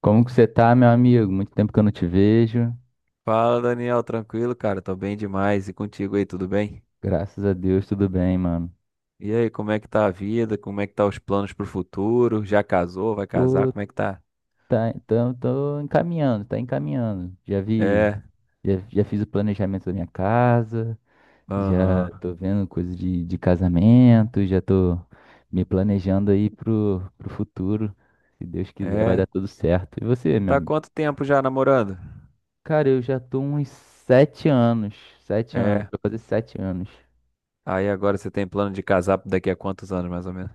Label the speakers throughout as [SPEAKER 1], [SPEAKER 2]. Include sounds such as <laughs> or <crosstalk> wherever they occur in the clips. [SPEAKER 1] Como que você tá, meu amigo? Muito tempo que eu não te vejo.
[SPEAKER 2] Fala, Daniel, tranquilo, cara? Tô bem demais. E contigo aí, tudo bem?
[SPEAKER 1] Graças a Deus, tudo bem, mano.
[SPEAKER 2] E aí, como é que tá a vida? Como é que tá os planos pro futuro? Já casou? Vai casar?
[SPEAKER 1] Pô,
[SPEAKER 2] Como é que tá?
[SPEAKER 1] tá, então, tô encaminhando, tá encaminhando. Já vi,
[SPEAKER 2] É,
[SPEAKER 1] já, já fiz o planejamento da minha casa, já
[SPEAKER 2] aham.
[SPEAKER 1] tô vendo coisa de casamento, já tô me planejando aí pro futuro. Se Deus quiser, vai
[SPEAKER 2] É,
[SPEAKER 1] dar tudo certo. E você, meu
[SPEAKER 2] tá há
[SPEAKER 1] amigo?
[SPEAKER 2] quanto tempo já namorando?
[SPEAKER 1] Cara, eu já tô uns 7 anos, 7 anos,
[SPEAKER 2] É,
[SPEAKER 1] vou fazer 7 anos.
[SPEAKER 2] aí agora você tem plano de casar daqui a quantos anos, mais ou menos?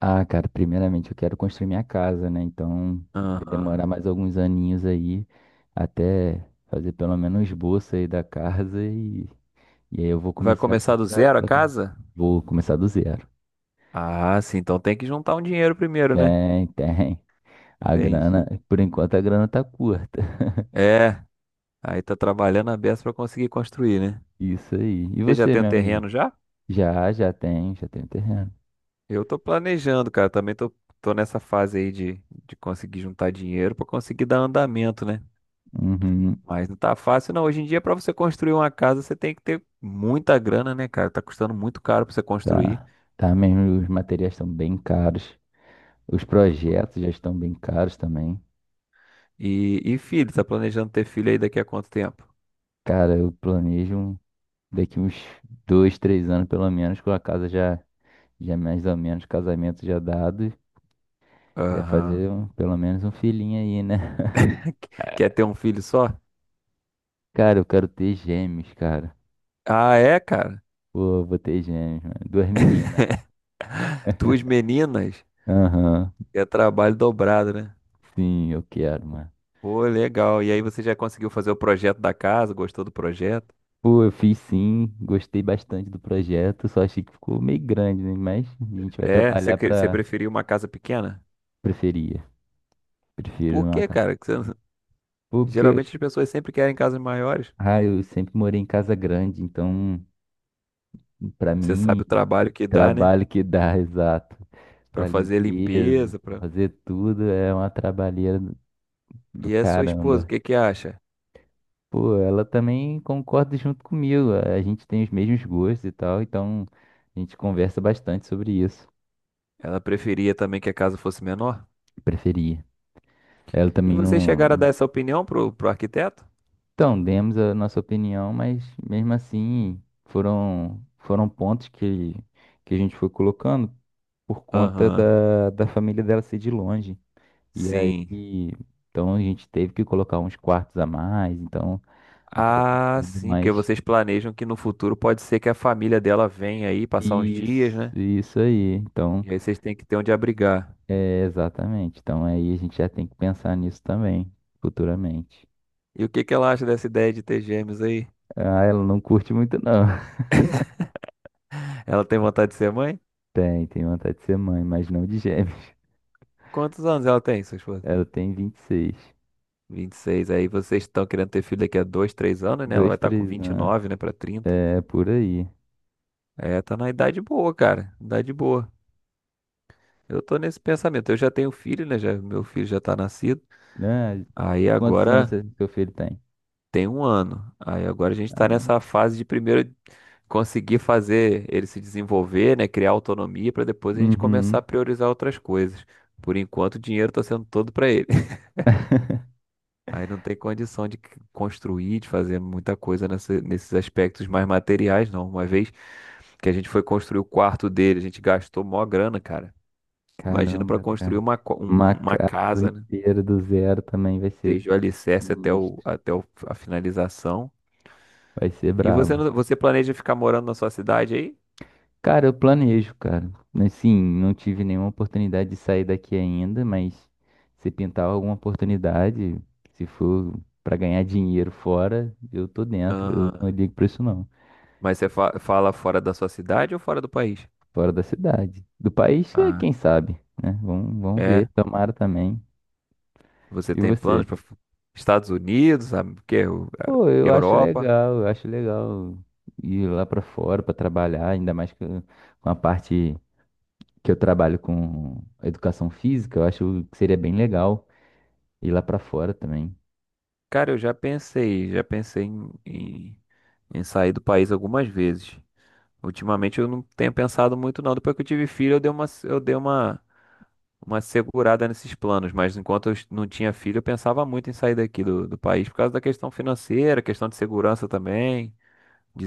[SPEAKER 1] Ah, cara, primeiramente eu quero construir minha casa, né? Então vai
[SPEAKER 2] Aham.
[SPEAKER 1] demorar mais alguns aninhos aí até fazer pelo menos o esboço aí da casa e aí eu vou
[SPEAKER 2] Vai
[SPEAKER 1] começar
[SPEAKER 2] começar do
[SPEAKER 1] pra-
[SPEAKER 2] zero a
[SPEAKER 1] pra-
[SPEAKER 2] casa?
[SPEAKER 1] vou começar do zero.
[SPEAKER 2] Ah, sim, então tem que juntar um dinheiro primeiro, né?
[SPEAKER 1] Tem, tem. A
[SPEAKER 2] Entendi.
[SPEAKER 1] grana, por enquanto a grana tá curta.
[SPEAKER 2] É, aí tá trabalhando a beça pra conseguir construir, né?
[SPEAKER 1] <laughs> Isso aí. E
[SPEAKER 2] Você já
[SPEAKER 1] você,
[SPEAKER 2] tem o
[SPEAKER 1] meu amigo?
[SPEAKER 2] terreno já?
[SPEAKER 1] Já tem, já tem terreno.
[SPEAKER 2] Eu tô planejando, cara. Também tô nessa fase aí de conseguir juntar dinheiro pra conseguir dar andamento, né?
[SPEAKER 1] Uhum,
[SPEAKER 2] Mas não tá fácil, não. Hoje em dia, pra você construir uma casa, você tem que ter muita grana, né, cara? Tá custando muito caro pra você construir.
[SPEAKER 1] tá. Tá mesmo, os materiais estão bem caros. Os projetos já estão bem caros também.
[SPEAKER 2] E filho, tá planejando ter filho aí daqui a quanto tempo?
[SPEAKER 1] Cara, eu planejo. Daqui uns 2, 3 anos, pelo menos, com a casa já, já mais ou menos, casamento já dado, já
[SPEAKER 2] Aham.
[SPEAKER 1] fazer pelo menos um filhinho aí, né? <laughs>
[SPEAKER 2] <laughs> Quer ter um filho só?
[SPEAKER 1] Cara, eu quero ter gêmeos, cara.
[SPEAKER 2] Ah, é, cara.
[SPEAKER 1] Pô, eu vou ter gêmeos, mano. Duas meninas.
[SPEAKER 2] Duas meninas.
[SPEAKER 1] Aham.
[SPEAKER 2] É trabalho dobrado, né?
[SPEAKER 1] Sim, eu quero, mano.
[SPEAKER 2] Pô, legal. E aí você já conseguiu fazer o projeto da casa? Gostou do projeto?
[SPEAKER 1] Pô, eu fiz sim, gostei bastante do projeto, só achei que ficou meio grande, né? Mas a gente vai
[SPEAKER 2] É, você,
[SPEAKER 1] trabalhar
[SPEAKER 2] você
[SPEAKER 1] pra
[SPEAKER 2] preferiu uma casa pequena?
[SPEAKER 1] preferia. Prefiro
[SPEAKER 2] Por
[SPEAKER 1] uma
[SPEAKER 2] quê,
[SPEAKER 1] casa.
[SPEAKER 2] cara? Que você <laughs>
[SPEAKER 1] Porque,
[SPEAKER 2] geralmente as pessoas sempre querem casas maiores.
[SPEAKER 1] ah, eu sempre morei em casa grande, então Para
[SPEAKER 2] Você
[SPEAKER 1] mim,
[SPEAKER 2] sabe o trabalho que dá, né?
[SPEAKER 1] trabalho que dá, <laughs> exato.
[SPEAKER 2] Pra
[SPEAKER 1] Para
[SPEAKER 2] fazer
[SPEAKER 1] limpeza,
[SPEAKER 2] limpeza,
[SPEAKER 1] pra
[SPEAKER 2] pra...
[SPEAKER 1] fazer tudo, é uma trabalheira do
[SPEAKER 2] E a sua esposa, o
[SPEAKER 1] caramba.
[SPEAKER 2] que que acha?
[SPEAKER 1] Pô, ela também concorda junto comigo. A gente tem os mesmos gostos e tal, então a gente conversa bastante sobre isso.
[SPEAKER 2] Ela preferia também que a casa fosse menor?
[SPEAKER 1] Preferia. Ela
[SPEAKER 2] E
[SPEAKER 1] também
[SPEAKER 2] vocês chegaram a dar
[SPEAKER 1] não.
[SPEAKER 2] essa opinião pro arquiteto?
[SPEAKER 1] Então, demos a nossa opinião, mas mesmo assim foram pontos que a gente foi colocando por conta
[SPEAKER 2] Aham,
[SPEAKER 1] da família dela ser de longe. E aí,
[SPEAKER 2] sim.
[SPEAKER 1] então a gente teve que colocar uns quartos a mais, então acabou
[SPEAKER 2] Ah,
[SPEAKER 1] ficando
[SPEAKER 2] sim, porque
[SPEAKER 1] mais.
[SPEAKER 2] vocês planejam que no futuro pode ser que a família dela venha aí passar uns
[SPEAKER 1] Isso,
[SPEAKER 2] dias, né?
[SPEAKER 1] isso aí. Então,
[SPEAKER 2] E aí vocês têm que ter onde abrigar.
[SPEAKER 1] é exatamente. Então aí a gente já tem que pensar nisso também, futuramente.
[SPEAKER 2] E o que que ela acha dessa ideia de ter gêmeos aí?
[SPEAKER 1] Ah, ela não curte muito, não. <laughs>
[SPEAKER 2] Ela tem vontade de ser mãe?
[SPEAKER 1] Tem, tem vontade de ser mãe, mas não de gêmeos. <laughs>
[SPEAKER 2] Quantos anos ela tem, sua esposa?
[SPEAKER 1] Ela tem 26.
[SPEAKER 2] 26? Aí vocês estão querendo ter filho daqui a 2 3 anos, né? Ela vai
[SPEAKER 1] Dois,
[SPEAKER 2] estar com
[SPEAKER 1] três
[SPEAKER 2] vinte e
[SPEAKER 1] anos.
[SPEAKER 2] nove né? Pra 30.
[SPEAKER 1] É por aí.
[SPEAKER 2] É, tá na idade boa, cara. Idade boa. Eu tô nesse pensamento. Eu já tenho filho, né? Já, meu filho já tá nascido.
[SPEAKER 1] Ah,
[SPEAKER 2] Aí
[SPEAKER 1] quantos anos
[SPEAKER 2] agora
[SPEAKER 1] seu filho tem?
[SPEAKER 2] tem 1 ano. Aí agora a gente
[SPEAKER 1] Ah,
[SPEAKER 2] tá
[SPEAKER 1] não.
[SPEAKER 2] nessa fase de primeiro conseguir fazer ele se desenvolver, né? Criar autonomia pra depois a gente começar a
[SPEAKER 1] Uhum.
[SPEAKER 2] priorizar outras coisas. Por enquanto, o dinheiro tá sendo todo pra ele.
[SPEAKER 1] <laughs>
[SPEAKER 2] Aí não tem condição de construir, de fazer muita coisa nesses aspectos mais materiais, não. Uma vez que a gente foi construir o quarto dele, a gente gastou mó grana, cara. Imagina para
[SPEAKER 1] Caramba,
[SPEAKER 2] construir
[SPEAKER 1] cara.
[SPEAKER 2] uma, co- um-
[SPEAKER 1] Uma
[SPEAKER 2] um- uma
[SPEAKER 1] casa
[SPEAKER 2] casa, né?
[SPEAKER 1] inteira do zero também vai ser
[SPEAKER 2] Desde o alicerce até, o,
[SPEAKER 1] sinistro.
[SPEAKER 2] até o- a finalização.
[SPEAKER 1] Vai ser
[SPEAKER 2] E você,
[SPEAKER 1] brabo.
[SPEAKER 2] você planeja ficar morando na sua cidade aí?
[SPEAKER 1] Cara, eu planejo, cara. Assim, não tive nenhuma oportunidade de sair daqui ainda, mas se pintar alguma oportunidade, se for pra ganhar dinheiro fora, eu tô dentro. Eu não
[SPEAKER 2] Aham.
[SPEAKER 1] ligo pra isso, não.
[SPEAKER 2] Mas você fala fora da sua cidade ou fora do país?
[SPEAKER 1] Fora da cidade. Do país,
[SPEAKER 2] Ah,
[SPEAKER 1] quem sabe, né? Vamos ver.
[SPEAKER 2] é.
[SPEAKER 1] Tomara também.
[SPEAKER 2] Você
[SPEAKER 1] E
[SPEAKER 2] tem planos
[SPEAKER 1] você?
[SPEAKER 2] para Estados Unidos, sabe? O quê?
[SPEAKER 1] Pô,
[SPEAKER 2] Europa?
[SPEAKER 1] eu acho legal ir lá pra fora pra trabalhar, ainda mais que com a parte que eu trabalho com educação física, eu acho que seria bem legal ir lá pra fora também.
[SPEAKER 2] Cara, eu já pensei em sair do país algumas vezes. Ultimamente eu não tenho pensado muito, não. Depois que eu tive filho, uma segurada nesses planos. Mas enquanto eu não tinha filho, eu pensava muito em sair daqui do país por causa da questão financeira, questão de segurança também,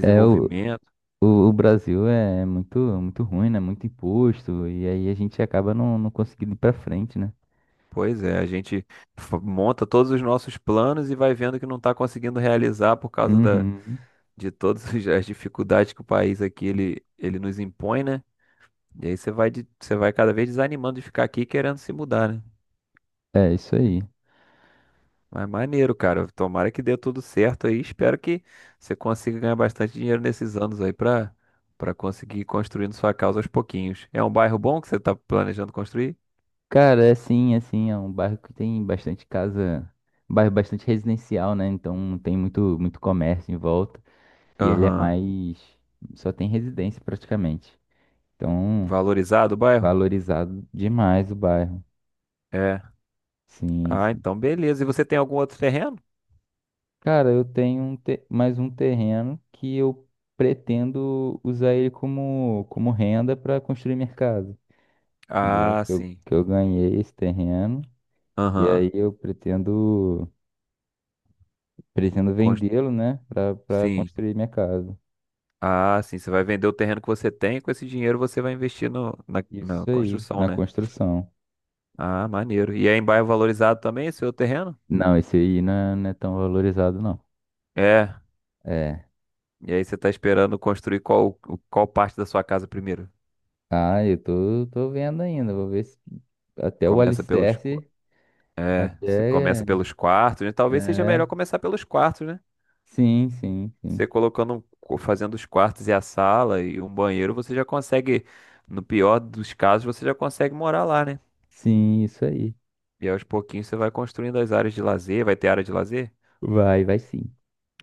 [SPEAKER 1] É, o, o, o Brasil é muito, muito ruim, né? Muito imposto, e aí a gente acaba não conseguindo ir pra frente, né?
[SPEAKER 2] Pois é, a gente monta todos os nossos planos e vai vendo que não está conseguindo realizar por causa
[SPEAKER 1] Uhum.
[SPEAKER 2] de todas <laughs> as dificuldades que o país aqui, ele nos impõe, né? E aí você vai, você vai cada vez desanimando de ficar aqui querendo se mudar, né?
[SPEAKER 1] É isso aí.
[SPEAKER 2] Mas maneiro, cara. Tomara que dê tudo certo aí. Espero que você consiga ganhar bastante dinheiro nesses anos aí pra conseguir ir construindo sua casa aos pouquinhos. É um bairro bom que você tá planejando construir?
[SPEAKER 1] Cara, é assim, assim, é um bairro que tem bastante casa, um bairro bastante residencial, né? Então tem muito, muito comércio em volta. E ele é
[SPEAKER 2] Aham.
[SPEAKER 1] mais. Só tem residência praticamente. Então,
[SPEAKER 2] Valorizado o bairro?
[SPEAKER 1] valorizado demais o bairro.
[SPEAKER 2] É.
[SPEAKER 1] Sim,
[SPEAKER 2] Ah,
[SPEAKER 1] sim.
[SPEAKER 2] então beleza. E você tem algum outro terreno?
[SPEAKER 1] Cara, eu tenho mais um terreno que eu pretendo usar ele como renda para construir minha casa. Entendeu?
[SPEAKER 2] Ah,
[SPEAKER 1] Que Eu,
[SPEAKER 2] sim.
[SPEAKER 1] que eu ganhei esse terreno. E
[SPEAKER 2] Aham.
[SPEAKER 1] aí eu pretendo
[SPEAKER 2] Cons-
[SPEAKER 1] vendê-lo, né? Para
[SPEAKER 2] Sim.
[SPEAKER 1] construir minha casa.
[SPEAKER 2] Ah, sim. Você vai vender o terreno que você tem e com esse dinheiro você vai investir no, na, na
[SPEAKER 1] Isso aí,
[SPEAKER 2] construção,
[SPEAKER 1] na
[SPEAKER 2] né?
[SPEAKER 1] construção.
[SPEAKER 2] Ah, maneiro. E aí em bairro valorizado também, seu terreno?
[SPEAKER 1] Não, esse aí não é tão valorizado, não.
[SPEAKER 2] É.
[SPEAKER 1] É.
[SPEAKER 2] E aí você tá esperando construir qual parte da sua casa primeiro?
[SPEAKER 1] Ah, eu tô vendo ainda. Vou ver se até o
[SPEAKER 2] Começa pelos. qu-
[SPEAKER 1] alicerce,
[SPEAKER 2] É, se começa
[SPEAKER 1] até.
[SPEAKER 2] pelos quartos, né? Talvez seja melhor
[SPEAKER 1] É.
[SPEAKER 2] começar pelos quartos, né?
[SPEAKER 1] Sim, sim, sim.
[SPEAKER 2] Você colocando, um fazendo os quartos e a sala e um banheiro, você já consegue, no pior dos casos, você já consegue morar lá, né?
[SPEAKER 1] Sim, isso aí.
[SPEAKER 2] E aos pouquinhos você vai construindo as áreas de lazer, vai ter área de lazer?
[SPEAKER 1] Vai, vai sim.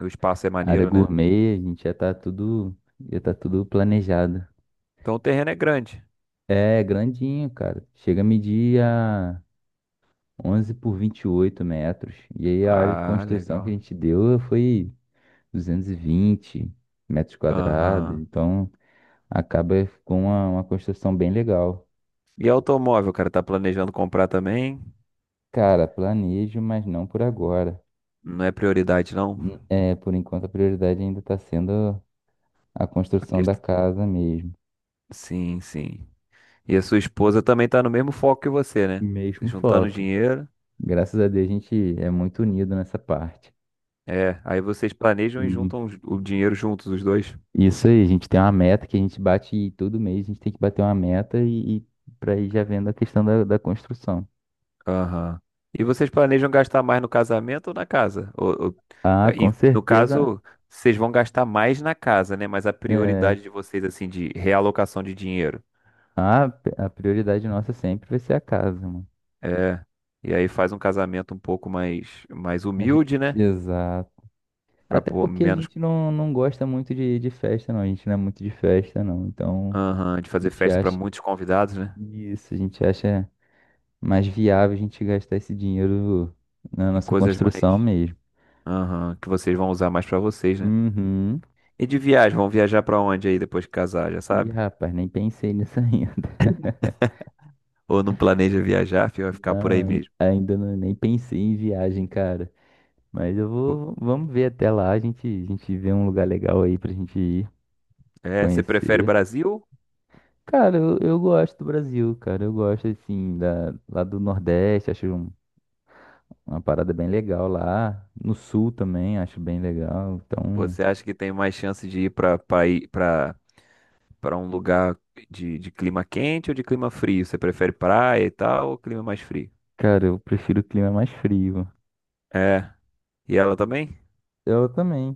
[SPEAKER 2] O espaço é
[SPEAKER 1] A área
[SPEAKER 2] maneiro, né?
[SPEAKER 1] gourmet, a gente já tá tudo. Já tá tudo planejado.
[SPEAKER 2] Então o terreno é grande.
[SPEAKER 1] É grandinho, cara. Chega a medir a 11 por 28 metros. E aí a área de
[SPEAKER 2] Ah,
[SPEAKER 1] construção que a
[SPEAKER 2] legal.
[SPEAKER 1] gente deu foi 220 metros quadrados.
[SPEAKER 2] Aham.
[SPEAKER 1] Então acaba com uma construção bem legal.
[SPEAKER 2] E automóvel, cara, tá planejando comprar também?
[SPEAKER 1] Cara, planejo, mas não por agora.
[SPEAKER 2] Não é prioridade, não?
[SPEAKER 1] É, por enquanto a prioridade ainda está sendo a
[SPEAKER 2] A
[SPEAKER 1] construção da
[SPEAKER 2] quest-
[SPEAKER 1] casa mesmo.
[SPEAKER 2] Sim, sim. E a sua esposa também tá no mesmo foco que você, né?
[SPEAKER 1] Mesmo
[SPEAKER 2] Juntando
[SPEAKER 1] foco.
[SPEAKER 2] dinheiro.
[SPEAKER 1] Graças a Deus a gente é muito unido nessa parte.
[SPEAKER 2] É, aí vocês planejam e
[SPEAKER 1] Uhum.
[SPEAKER 2] juntam o dinheiro juntos, os dois.
[SPEAKER 1] Isso aí, a gente tem uma meta que a gente bate e todo mês, a gente tem que bater uma meta e, para ir já vendo a questão da construção.
[SPEAKER 2] Aham. E vocês planejam gastar mais no casamento ou na casa?
[SPEAKER 1] Ah, com
[SPEAKER 2] No
[SPEAKER 1] certeza,
[SPEAKER 2] caso, vocês vão gastar mais na casa, né? Mas a
[SPEAKER 1] é,
[SPEAKER 2] prioridade de vocês, assim, de realocação de dinheiro.
[SPEAKER 1] a prioridade nossa sempre vai ser a casa, mano.
[SPEAKER 2] É. E aí faz um casamento um pouco mais, mais
[SPEAKER 1] A gen-
[SPEAKER 2] humilde, né?
[SPEAKER 1] Exato.
[SPEAKER 2] Para
[SPEAKER 1] Até porque a
[SPEAKER 2] menos.
[SPEAKER 1] gente não gosta muito de festa, não. A gente não é muito de festa, não. Então,
[SPEAKER 2] Aham, de
[SPEAKER 1] a
[SPEAKER 2] fazer
[SPEAKER 1] gente
[SPEAKER 2] festa para
[SPEAKER 1] acha
[SPEAKER 2] muitos convidados, né?
[SPEAKER 1] isso, a gente acha mais viável a gente gastar esse dinheiro na
[SPEAKER 2] Em
[SPEAKER 1] nossa
[SPEAKER 2] coisas
[SPEAKER 1] construção
[SPEAKER 2] mais.
[SPEAKER 1] mesmo.
[SPEAKER 2] Aham, que vocês vão usar mais para vocês, né?
[SPEAKER 1] Uhum.
[SPEAKER 2] E de viagem, vão viajar para onde aí depois que casar, já
[SPEAKER 1] Ih,
[SPEAKER 2] sabe?
[SPEAKER 1] rapaz, nem pensei nisso ainda.
[SPEAKER 2] Ou não planeja viajar, fi, vai
[SPEAKER 1] <laughs>
[SPEAKER 2] ficar por
[SPEAKER 1] Não,
[SPEAKER 2] aí mesmo.
[SPEAKER 1] ainda não, nem pensei em viagem, cara. Mas
[SPEAKER 2] Pô,
[SPEAKER 1] vamos ver até lá, a gente vê um lugar legal aí pra gente ir
[SPEAKER 2] é, você prefere
[SPEAKER 1] conhecer.
[SPEAKER 2] Brasil?
[SPEAKER 1] Cara, eu gosto do Brasil, cara. Eu gosto, assim, lá do Nordeste, acho. Uma parada bem legal lá. No Sul também, acho bem legal. Então,
[SPEAKER 2] Você acha que tem mais chance de ir para um lugar de clima quente ou de clima frio? Você prefere praia e tal ou clima mais frio?
[SPEAKER 1] cara, eu prefiro o clima mais frio.
[SPEAKER 2] É. E ela também?
[SPEAKER 1] Eu também.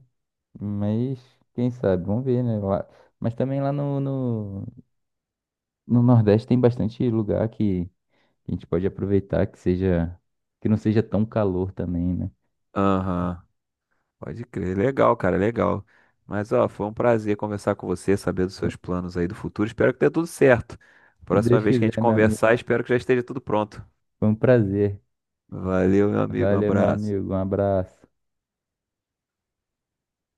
[SPEAKER 1] Mas, quem sabe? Vamos ver, né? Lá. Mas também lá no Nordeste tem bastante lugar que a gente pode aproveitar que não seja tão calor também, né?
[SPEAKER 2] Aham. Pode crer. Legal, cara, legal. Mas, ó, foi um prazer conversar com você, saber dos seus planos aí do futuro. Espero que dê tudo certo.
[SPEAKER 1] Se
[SPEAKER 2] Próxima
[SPEAKER 1] Deus
[SPEAKER 2] vez que a gente
[SPEAKER 1] quiser, meu
[SPEAKER 2] conversar,
[SPEAKER 1] amigo.
[SPEAKER 2] espero que já esteja tudo pronto.
[SPEAKER 1] Foi um prazer.
[SPEAKER 2] Valeu, meu amigo. Um
[SPEAKER 1] Valeu, meu
[SPEAKER 2] abraço.
[SPEAKER 1] amigo. Um abraço.